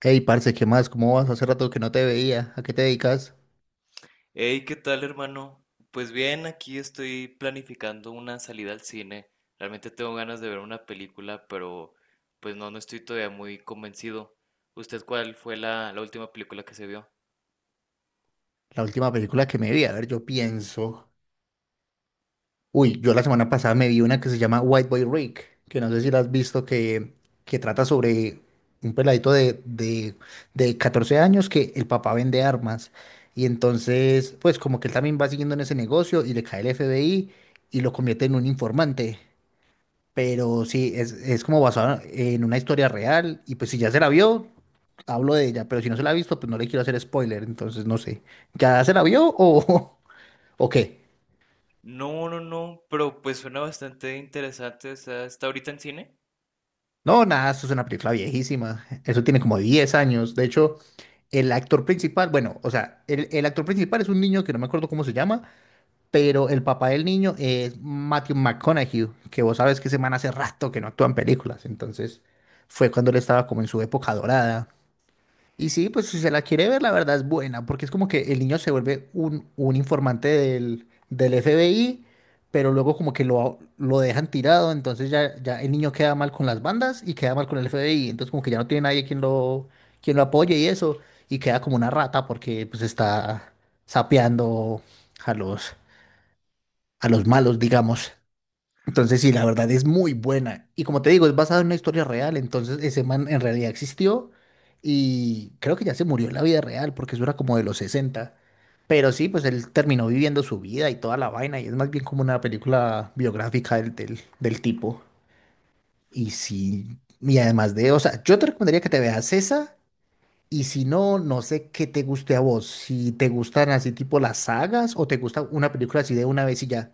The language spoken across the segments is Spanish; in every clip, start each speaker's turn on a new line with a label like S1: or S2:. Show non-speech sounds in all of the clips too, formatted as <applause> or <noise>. S1: Hey, parce, ¿qué más? ¿Cómo vas? Hace rato que no te veía. ¿A qué te dedicas?
S2: Hey, ¿qué tal, hermano? Pues bien, aquí estoy planificando una salida al cine. Realmente tengo ganas de ver una película, pero pues no estoy todavía muy convencido. ¿Usted cuál fue la última película que se vio?
S1: La última película que me vi, a ver, yo pienso. Uy, yo la semana pasada me vi una que se llama White Boy Rick, que no sé si la has visto, que trata sobre un peladito de de 14 años que el papá vende armas. Y entonces, pues como que él también va siguiendo en ese negocio y le cae el FBI y lo convierte en un informante. Pero sí, es como basado en una historia real. Y pues si ya se la vio, hablo de ella. Pero si no se la ha visto, pues no le quiero hacer spoiler. Entonces no sé. ¿Ya se la vio o, <laughs> o qué?
S2: No, no, no, pero pues suena bastante interesante. O sea, ¿está ahorita en cine?
S1: No, nada, esto es una película viejísima. Eso tiene como 10 años. De hecho, el actor principal, bueno, o sea, el actor principal es un niño que no me acuerdo cómo se llama, pero el papá del niño es Matthew McConaughey, que vos sabes que ese man hace rato que no actúa en películas. Entonces fue cuando él estaba como en su época dorada. Y sí, pues si se la quiere ver, la verdad es buena, porque es como que el niño se vuelve un informante del FBI, pero luego como que lo dejan tirado, entonces ya, ya el niño queda mal con las bandas y queda mal con el FBI, entonces como que ya no tiene nadie quien lo apoye y eso, y queda como una rata porque pues está sapeando a los, a los malos, digamos. Entonces, sí, la verdad es muy buena. Y como te digo, es basada en una historia real. Entonces, ese man en realidad existió y creo que ya se murió en la vida real porque eso era como de los sesenta. Pero sí, pues él terminó viviendo su vida y toda la vaina y es más bien como una película biográfica del tipo. Y sí, y además de, o sea, yo te recomendaría que te veas esa y si no, no sé qué te guste a vos. Si te gustan así tipo las sagas o te gusta una película así de una vez y ya.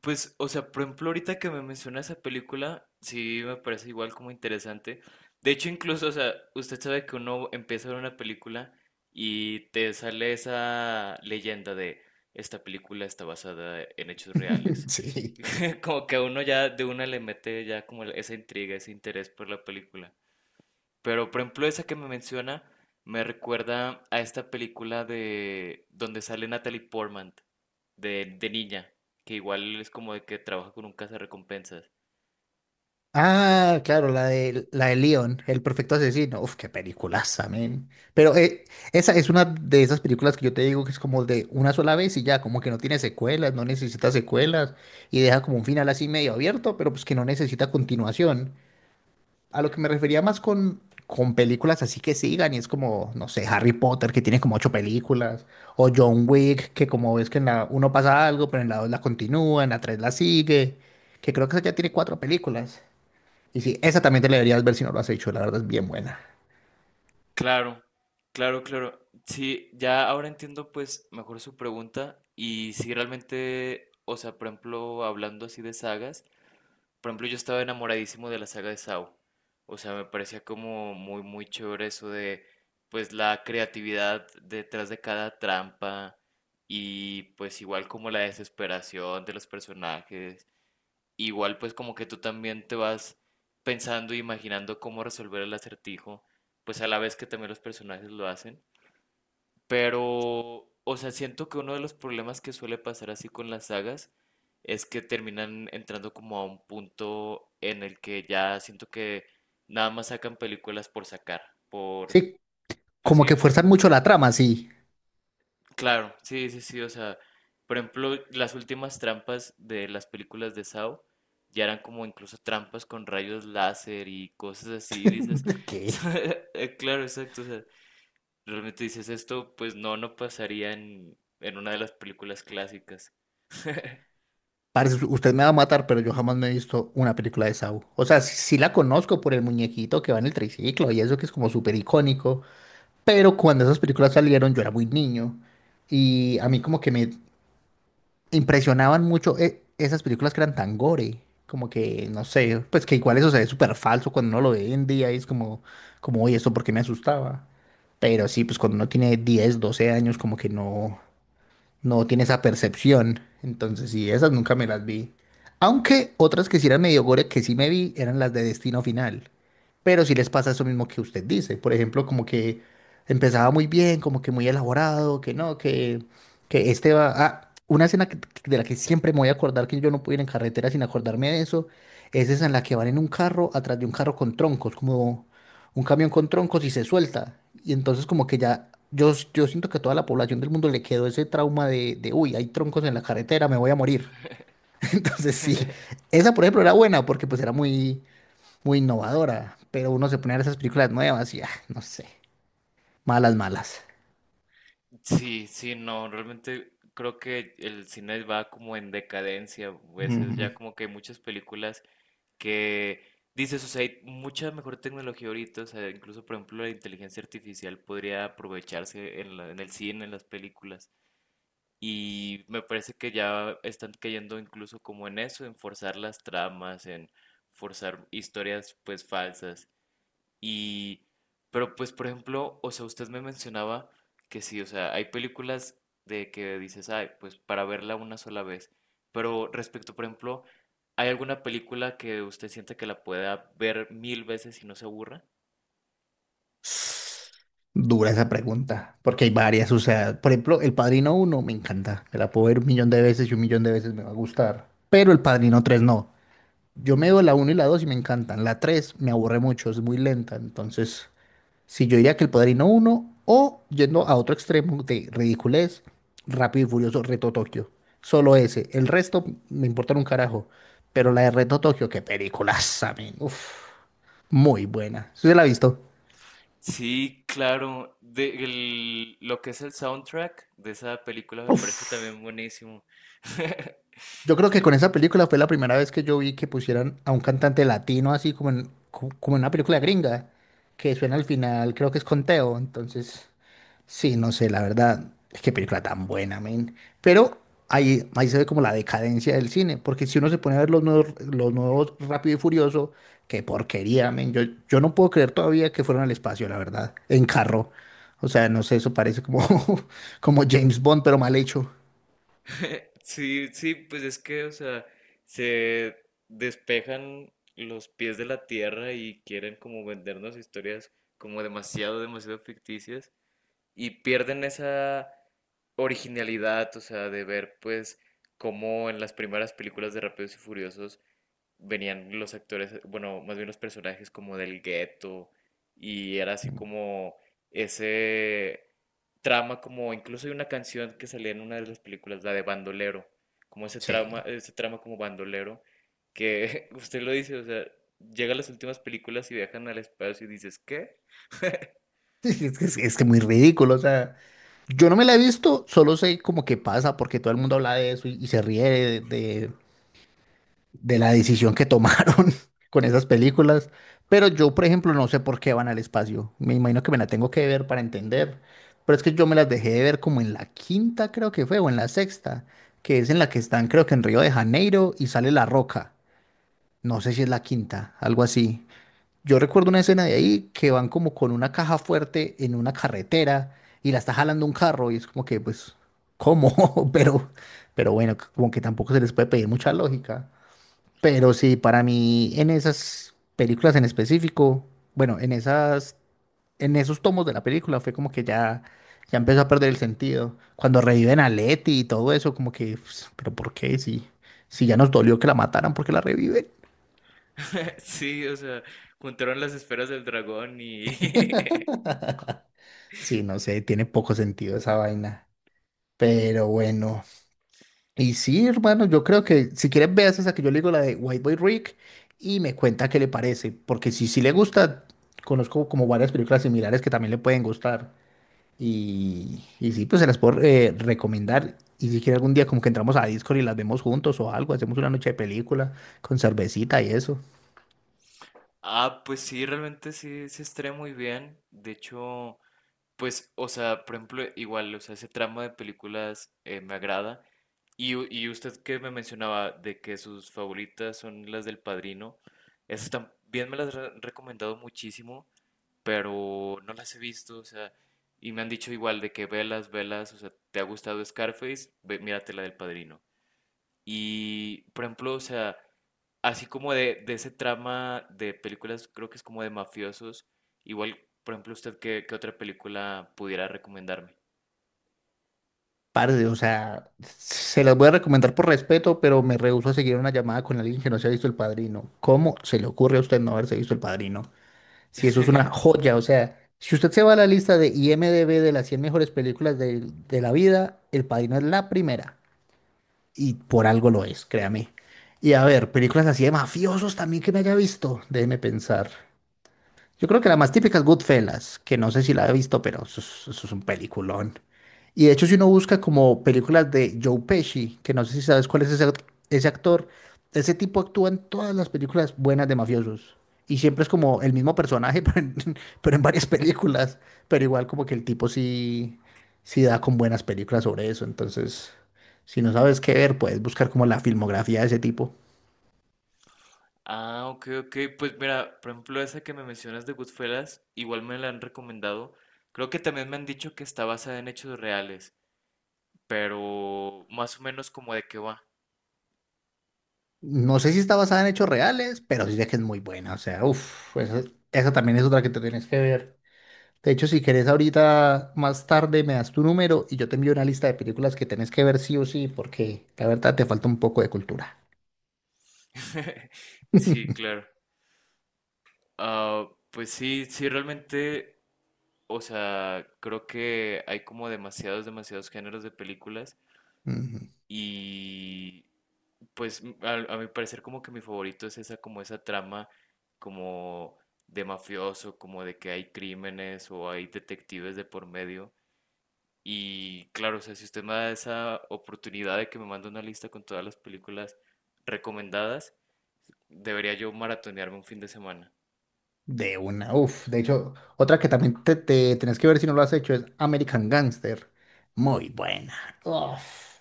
S2: Pues, o sea, por ejemplo, ahorita que me menciona esa película, sí me parece igual como interesante. De hecho, incluso, o sea, usted sabe que uno empieza a ver una película y te sale esa leyenda de esta película está basada en hechos
S1: <laughs>
S2: reales.
S1: Sí.
S2: <laughs> Como que a uno ya de una le mete ya como esa intriga, ese interés por la película. Pero, por ejemplo, esa que me menciona me recuerda a esta película de donde sale Natalie Portman de niña, que igual es como de que trabaja con un cazarrecompensas.
S1: Ah, claro, la de Leon, El perfecto asesino. Uf, qué peliculaza, men. Pero esa es una de esas películas que yo te digo que es como de una sola vez y ya, como que no tiene secuelas, no necesita secuelas y deja como un final así medio abierto, pero pues que no necesita continuación. A lo que me refería más con películas así que sigan y es como, no sé, Harry Potter que tiene como 8 películas o John Wick que como ves que en la uno pasa algo, pero en la dos la continúa, en la tres la sigue, que creo que esa ya tiene 4 películas. Y sí, esa también te la deberías ver si no lo has hecho, la verdad es bien buena.
S2: Claro, claro, claro. Sí, ya ahora entiendo pues mejor su pregunta y si realmente, o sea, por ejemplo, hablando así de sagas, por ejemplo, yo estaba enamoradísimo de la saga de Saw. O sea, me parecía como muy, muy chévere eso de, pues, la creatividad detrás de cada trampa y pues igual como la desesperación de los personajes. Igual pues como que tú también te vas pensando e imaginando cómo resolver el acertijo, pues a la vez que también los personajes lo hacen. Pero, o sea, siento que uno de los problemas que suele pasar así con las sagas es que terminan entrando como a un punto en el que ya siento que nada más sacan películas por sacar, por...
S1: Sí,
S2: Pues
S1: como
S2: sí,
S1: que
S2: o sea,
S1: fuerzan mucho la trama, sí.
S2: claro, sí, sí, sí, o sea, por ejemplo, las últimas trampas de las películas de Saw ya eran como incluso trampas con rayos láser y cosas así, y dices,
S1: <laughs> ¿Qué?
S2: <laughs> claro, exacto, o sea, realmente dices esto, pues no, no pasaría en una de las películas clásicas. <laughs>
S1: Parce, usted me va a matar, pero yo jamás me he visto una película de Saw. O sea, sí, sí la conozco por el muñequito que va en el triciclo y eso que es como súper icónico, pero cuando esas películas salieron yo era muy niño y a mí como que me impresionaban mucho esas películas que eran tan gore, como que, no sé, pues que igual eso se ve súper falso cuando uno lo ve hoy en día y es como, oye, ¿esto por qué me asustaba? Pero sí, pues cuando uno tiene 10 12 años, como que no, no tiene esa percepción. Entonces, sí, esas nunca me las vi. Aunque otras que sí eran medio gore que sí me vi eran las de Destino Final. Pero sí les pasa eso mismo que usted dice. Por ejemplo, como que empezaba muy bien, como que muy elaborado, que no, que este va... Ah, una escena de la que siempre me voy a acordar, que yo no puedo ir en carretera sin acordarme de eso, es esa en la que van en un carro atrás de un carro con troncos, como un camión con troncos y se suelta. Y entonces como que ya, yo siento que a toda la población del mundo le quedó ese trauma de, uy, hay troncos en la carretera, me voy a morir. <laughs> Entonces sí, esa por ejemplo era buena porque pues era muy, muy innovadora, pero uno se pone a ver esas películas nuevas y ah, no sé, malas, malas.
S2: Sí, sí, no, realmente creo que el cine va como en decadencia a veces,
S1: Ujú.
S2: ya como que hay muchas películas que dices, o sea, hay mucha mejor tecnología ahorita, o sea, incluso por ejemplo la inteligencia artificial podría aprovecharse en la- en el cine, en las películas. Y me parece que ya están cayendo incluso como en eso, en forzar las tramas, en forzar historias pues falsas. Y, pero pues por ejemplo, o sea, usted me mencionaba que sí, o sea, hay películas de que dices, ay, pues para verla una sola vez. Pero respecto, por ejemplo, ¿hay alguna película que usted siente que la pueda ver mil veces y no se aburra?
S1: Dura esa pregunta, porque hay varias, o sea, por ejemplo, El Padrino uno me encanta, me la puedo ver un millón de veces y un millón de veces me va a gustar, pero El Padrino 3 no. Yo me veo la uno y la 2 y me encantan. La 3 me aburre mucho, es muy lenta. Entonces, si yo diría que El Padrino uno o yendo a otro extremo de ridiculez, Rápido y Furioso, Reto Tokio. Solo ese. El resto me importa un carajo. Pero la de Reto Tokio, qué peliculaza, men. Uf, muy buena. ¿Sí se la ha visto?
S2: Sí, claro. De, el- lo que es el soundtrack de esa película me parece
S1: Uf.
S2: también buenísimo. <laughs>
S1: Yo creo que
S2: Sí.
S1: con esa película fue la primera vez que yo vi que pusieran a un cantante latino así como en una película gringa, que suena al final, creo que es Conteo, entonces sí, no sé, la verdad, es que película tan buena, men. Pero ahí se ve como la decadencia del cine, porque si uno se pone a ver los nuevos Rápido y Furioso, qué porquería, men. Yo no puedo creer todavía que fueron al espacio, la verdad, en carro. O sea, no sé, eso parece como, <laughs> como James Bond, pero mal hecho.
S2: <laughs> Sí, sí, pues es que, o sea, se despejan los pies de la tierra y quieren como vendernos historias como demasiado, demasiado ficticias y pierden esa originalidad, o sea, de ver pues cómo en las primeras películas de Rápidos y Furiosos venían los actores, bueno, más bien los personajes como del gueto y era así como ese trama como incluso hay una canción que salía en una de las películas, la de Bandolero, como
S1: Sí. <laughs>
S2: ese trama como bandolero que <laughs> usted lo dice, o sea, llega a las últimas películas y viajan al espacio y dices, ¿qué?
S1: Es que, es que muy ridículo, o sea. Yo no me la he visto, solo sé como que pasa, porque todo el mundo habla de eso y se ríe de, de- de la decisión que tomaron <laughs> con esas películas. Pero yo, por ejemplo, no sé por qué van al espacio. Me imagino que me la tengo que ver para entender. Pero es que yo me las dejé de ver como en la quinta, creo que fue, o en la sexta, que es en la que están, creo que en Río de Janeiro y sale La Roca. No sé si es la quinta, algo así. Yo recuerdo una escena de ahí que van como con una caja fuerte en una carretera y la está jalando un carro y es como que, pues, ¿cómo? <laughs> Pero, bueno, como que tampoco se les puede pedir mucha lógica. Pero sí, para mí, en esas películas en específico, bueno, en esos tomos de la película fue como que ya, ya empezó a perder el sentido. Cuando reviven a Letty y todo eso, como que, pues, pero ¿por qué? Si, si ya nos dolió que la mataran, ¿por qué la reviven?
S2: <laughs> Sí, o sea, juntaron las esferas del dragón y... <laughs>
S1: <laughs> Sí, no sé, tiene poco sentido esa vaina. Pero bueno. Y sí, hermano, yo creo que si quieres veas esa que yo le digo, la de White Boy Rick, y me cuenta qué le parece. Porque si sí le gusta, conozco como varias películas similares que también le pueden gustar. Y sí, pues se las puedo recomendar. Y si quiere algún día como que entramos a Discord y las vemos juntos o algo, hacemos una noche de película con cervecita y eso.
S2: Ah, pues sí, realmente sí se estrena muy bien. De hecho, pues, o sea, por ejemplo, igual, o sea, ese tramo de películas me agrada. Y, y usted que me mencionaba de que sus favoritas son las del Padrino, esas también me las han recomendado muchísimo, pero no las he visto, o sea, y me han dicho igual de que velas, velas, o sea, ¿te ha gustado Scarface? Ve, mírate la del Padrino. Y, por ejemplo, o sea, así como de ese trama de películas, creo que es como de mafiosos. Igual, por ejemplo, usted, ¿qué, qué otra película pudiera recomendarme?
S1: Parce, o sea, se las voy a recomendar por respeto, pero me rehúso a seguir una llamada con alguien que no se ha visto El Padrino. ¿Cómo se le ocurre a usted no haberse visto El Padrino? Si eso es una
S2: <laughs>
S1: joya, o sea, si usted se va a la lista de IMDb de las 100 mejores películas de la vida, El Padrino es la primera. Y por algo lo es, créame. Y a ver, películas así de mafiosos también que me haya visto, déjeme pensar. Yo creo que la más típica es Goodfellas, que no sé si la he visto, pero eso es un peliculón. Y de hecho, si uno busca como películas de Joe Pesci, que no sé si sabes cuál es ese actor, ese tipo actúa en todas las películas buenas de mafiosos. Y siempre es como el mismo personaje, <laughs> pero en varias películas. Pero igual como que el tipo sí, sí da con buenas películas sobre eso. Entonces, si no sabes qué ver, puedes buscar como la filmografía de ese tipo.
S2: Ah, ok, ok. Pues mira, por ejemplo, esa que me mencionas de Goodfellas, igual me la han recomendado. Creo que también me han dicho que está basada en hechos reales, pero más o menos como de qué va.
S1: No sé si está basada en hechos reales, pero sí sé que es muy buena. O sea, uff, esa también es otra que te tienes que ver. De hecho, si querés ahorita más tarde me das tu número y yo te envío una lista de películas que tenés que ver sí o sí, porque la verdad te falta un poco de cultura.
S2: <laughs>
S1: <laughs>
S2: Sí, claro. Ah, pues sí, sí, realmente, o sea, creo que hay como demasiados, demasiados géneros de películas
S1: Ujú.
S2: y pues mi parecer como que mi favorito es esa como esa trama como de mafioso, como de que hay crímenes o hay detectives de por medio. Y claro, o sea, si usted me da esa oportunidad de que me mande una lista con todas las películas recomendadas, debería yo maratonearme un fin de semana.
S1: De una, uff. De hecho, otra que también te tenés que ver si no lo has hecho es American Gangster. Muy buena. Uff.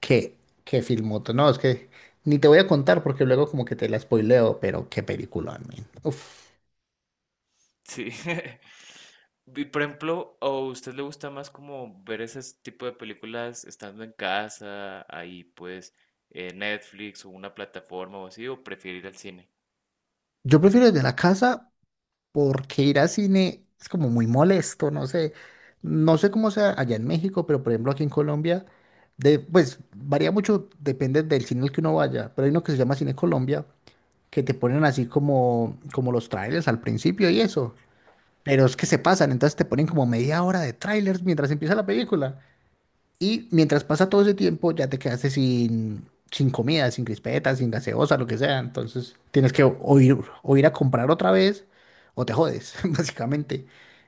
S1: Qué, qué filmoto. No, es que ni te voy a contar porque luego como que te la spoileo, pero qué película, man. Uf.
S2: Sí. <laughs> Y por ejemplo, ¿o usted le gusta más como ver ese tipo de películas estando en casa, ahí pues Netflix o una plataforma o así, o prefiere ir al cine?
S1: Yo prefiero desde la casa porque ir al cine es como muy molesto, no sé. No sé cómo sea allá en México, pero por ejemplo aquí en Colombia, pues varía mucho, depende del cine al que uno vaya, pero hay uno que se llama Cine Colombia, que te ponen así como, los trailers al principio y eso. Pero es que se pasan, entonces te ponen como media hora de trailers mientras empieza la película. Y mientras pasa todo ese tiempo, ya te quedaste sin, comida, sin crispetas, sin gaseosa, lo que sea. Entonces tienes que o ir a comprar otra vez o te jodes, <laughs> básicamente.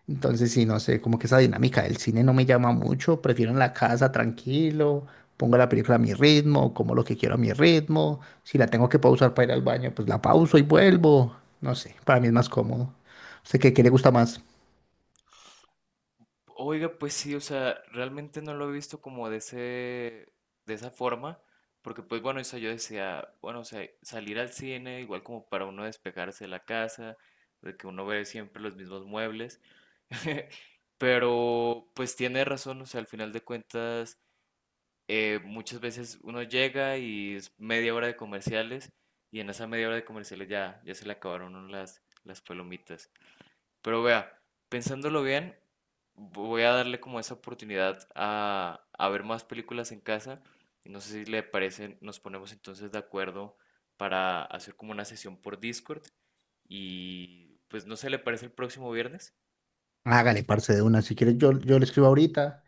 S1: Entonces, sí, no sé, como que esa dinámica del cine no me llama mucho. Prefiero en la casa tranquilo, pongo la película a mi ritmo, como lo que quiero a mi ritmo. Si la tengo que pausar para ir al baño, pues la pauso y vuelvo. No sé, para mí es más cómodo. Sé que, ¿qué le gusta más?
S2: Oiga, pues sí, o sea, realmente no lo he visto como de ese, de esa forma, porque pues bueno, o sea, yo decía, bueno, o sea, salir al cine igual como para uno despejarse de la casa, de que uno ve siempre los mismos muebles, <laughs> pero pues tiene razón, o sea, al final de cuentas muchas veces uno llega y es media hora de comerciales y en esa media hora de comerciales ya, ya se le acabaron a uno las palomitas. Pero vea, pensándolo bien, voy a darle como esa oportunidad a ver más películas en casa. Y no sé si le parece, nos ponemos entonces de acuerdo para hacer como una sesión por Discord y pues no sé, ¿le parece el próximo viernes?
S1: Hágale, parce de una. Si quieres, yo le escribo ahorita.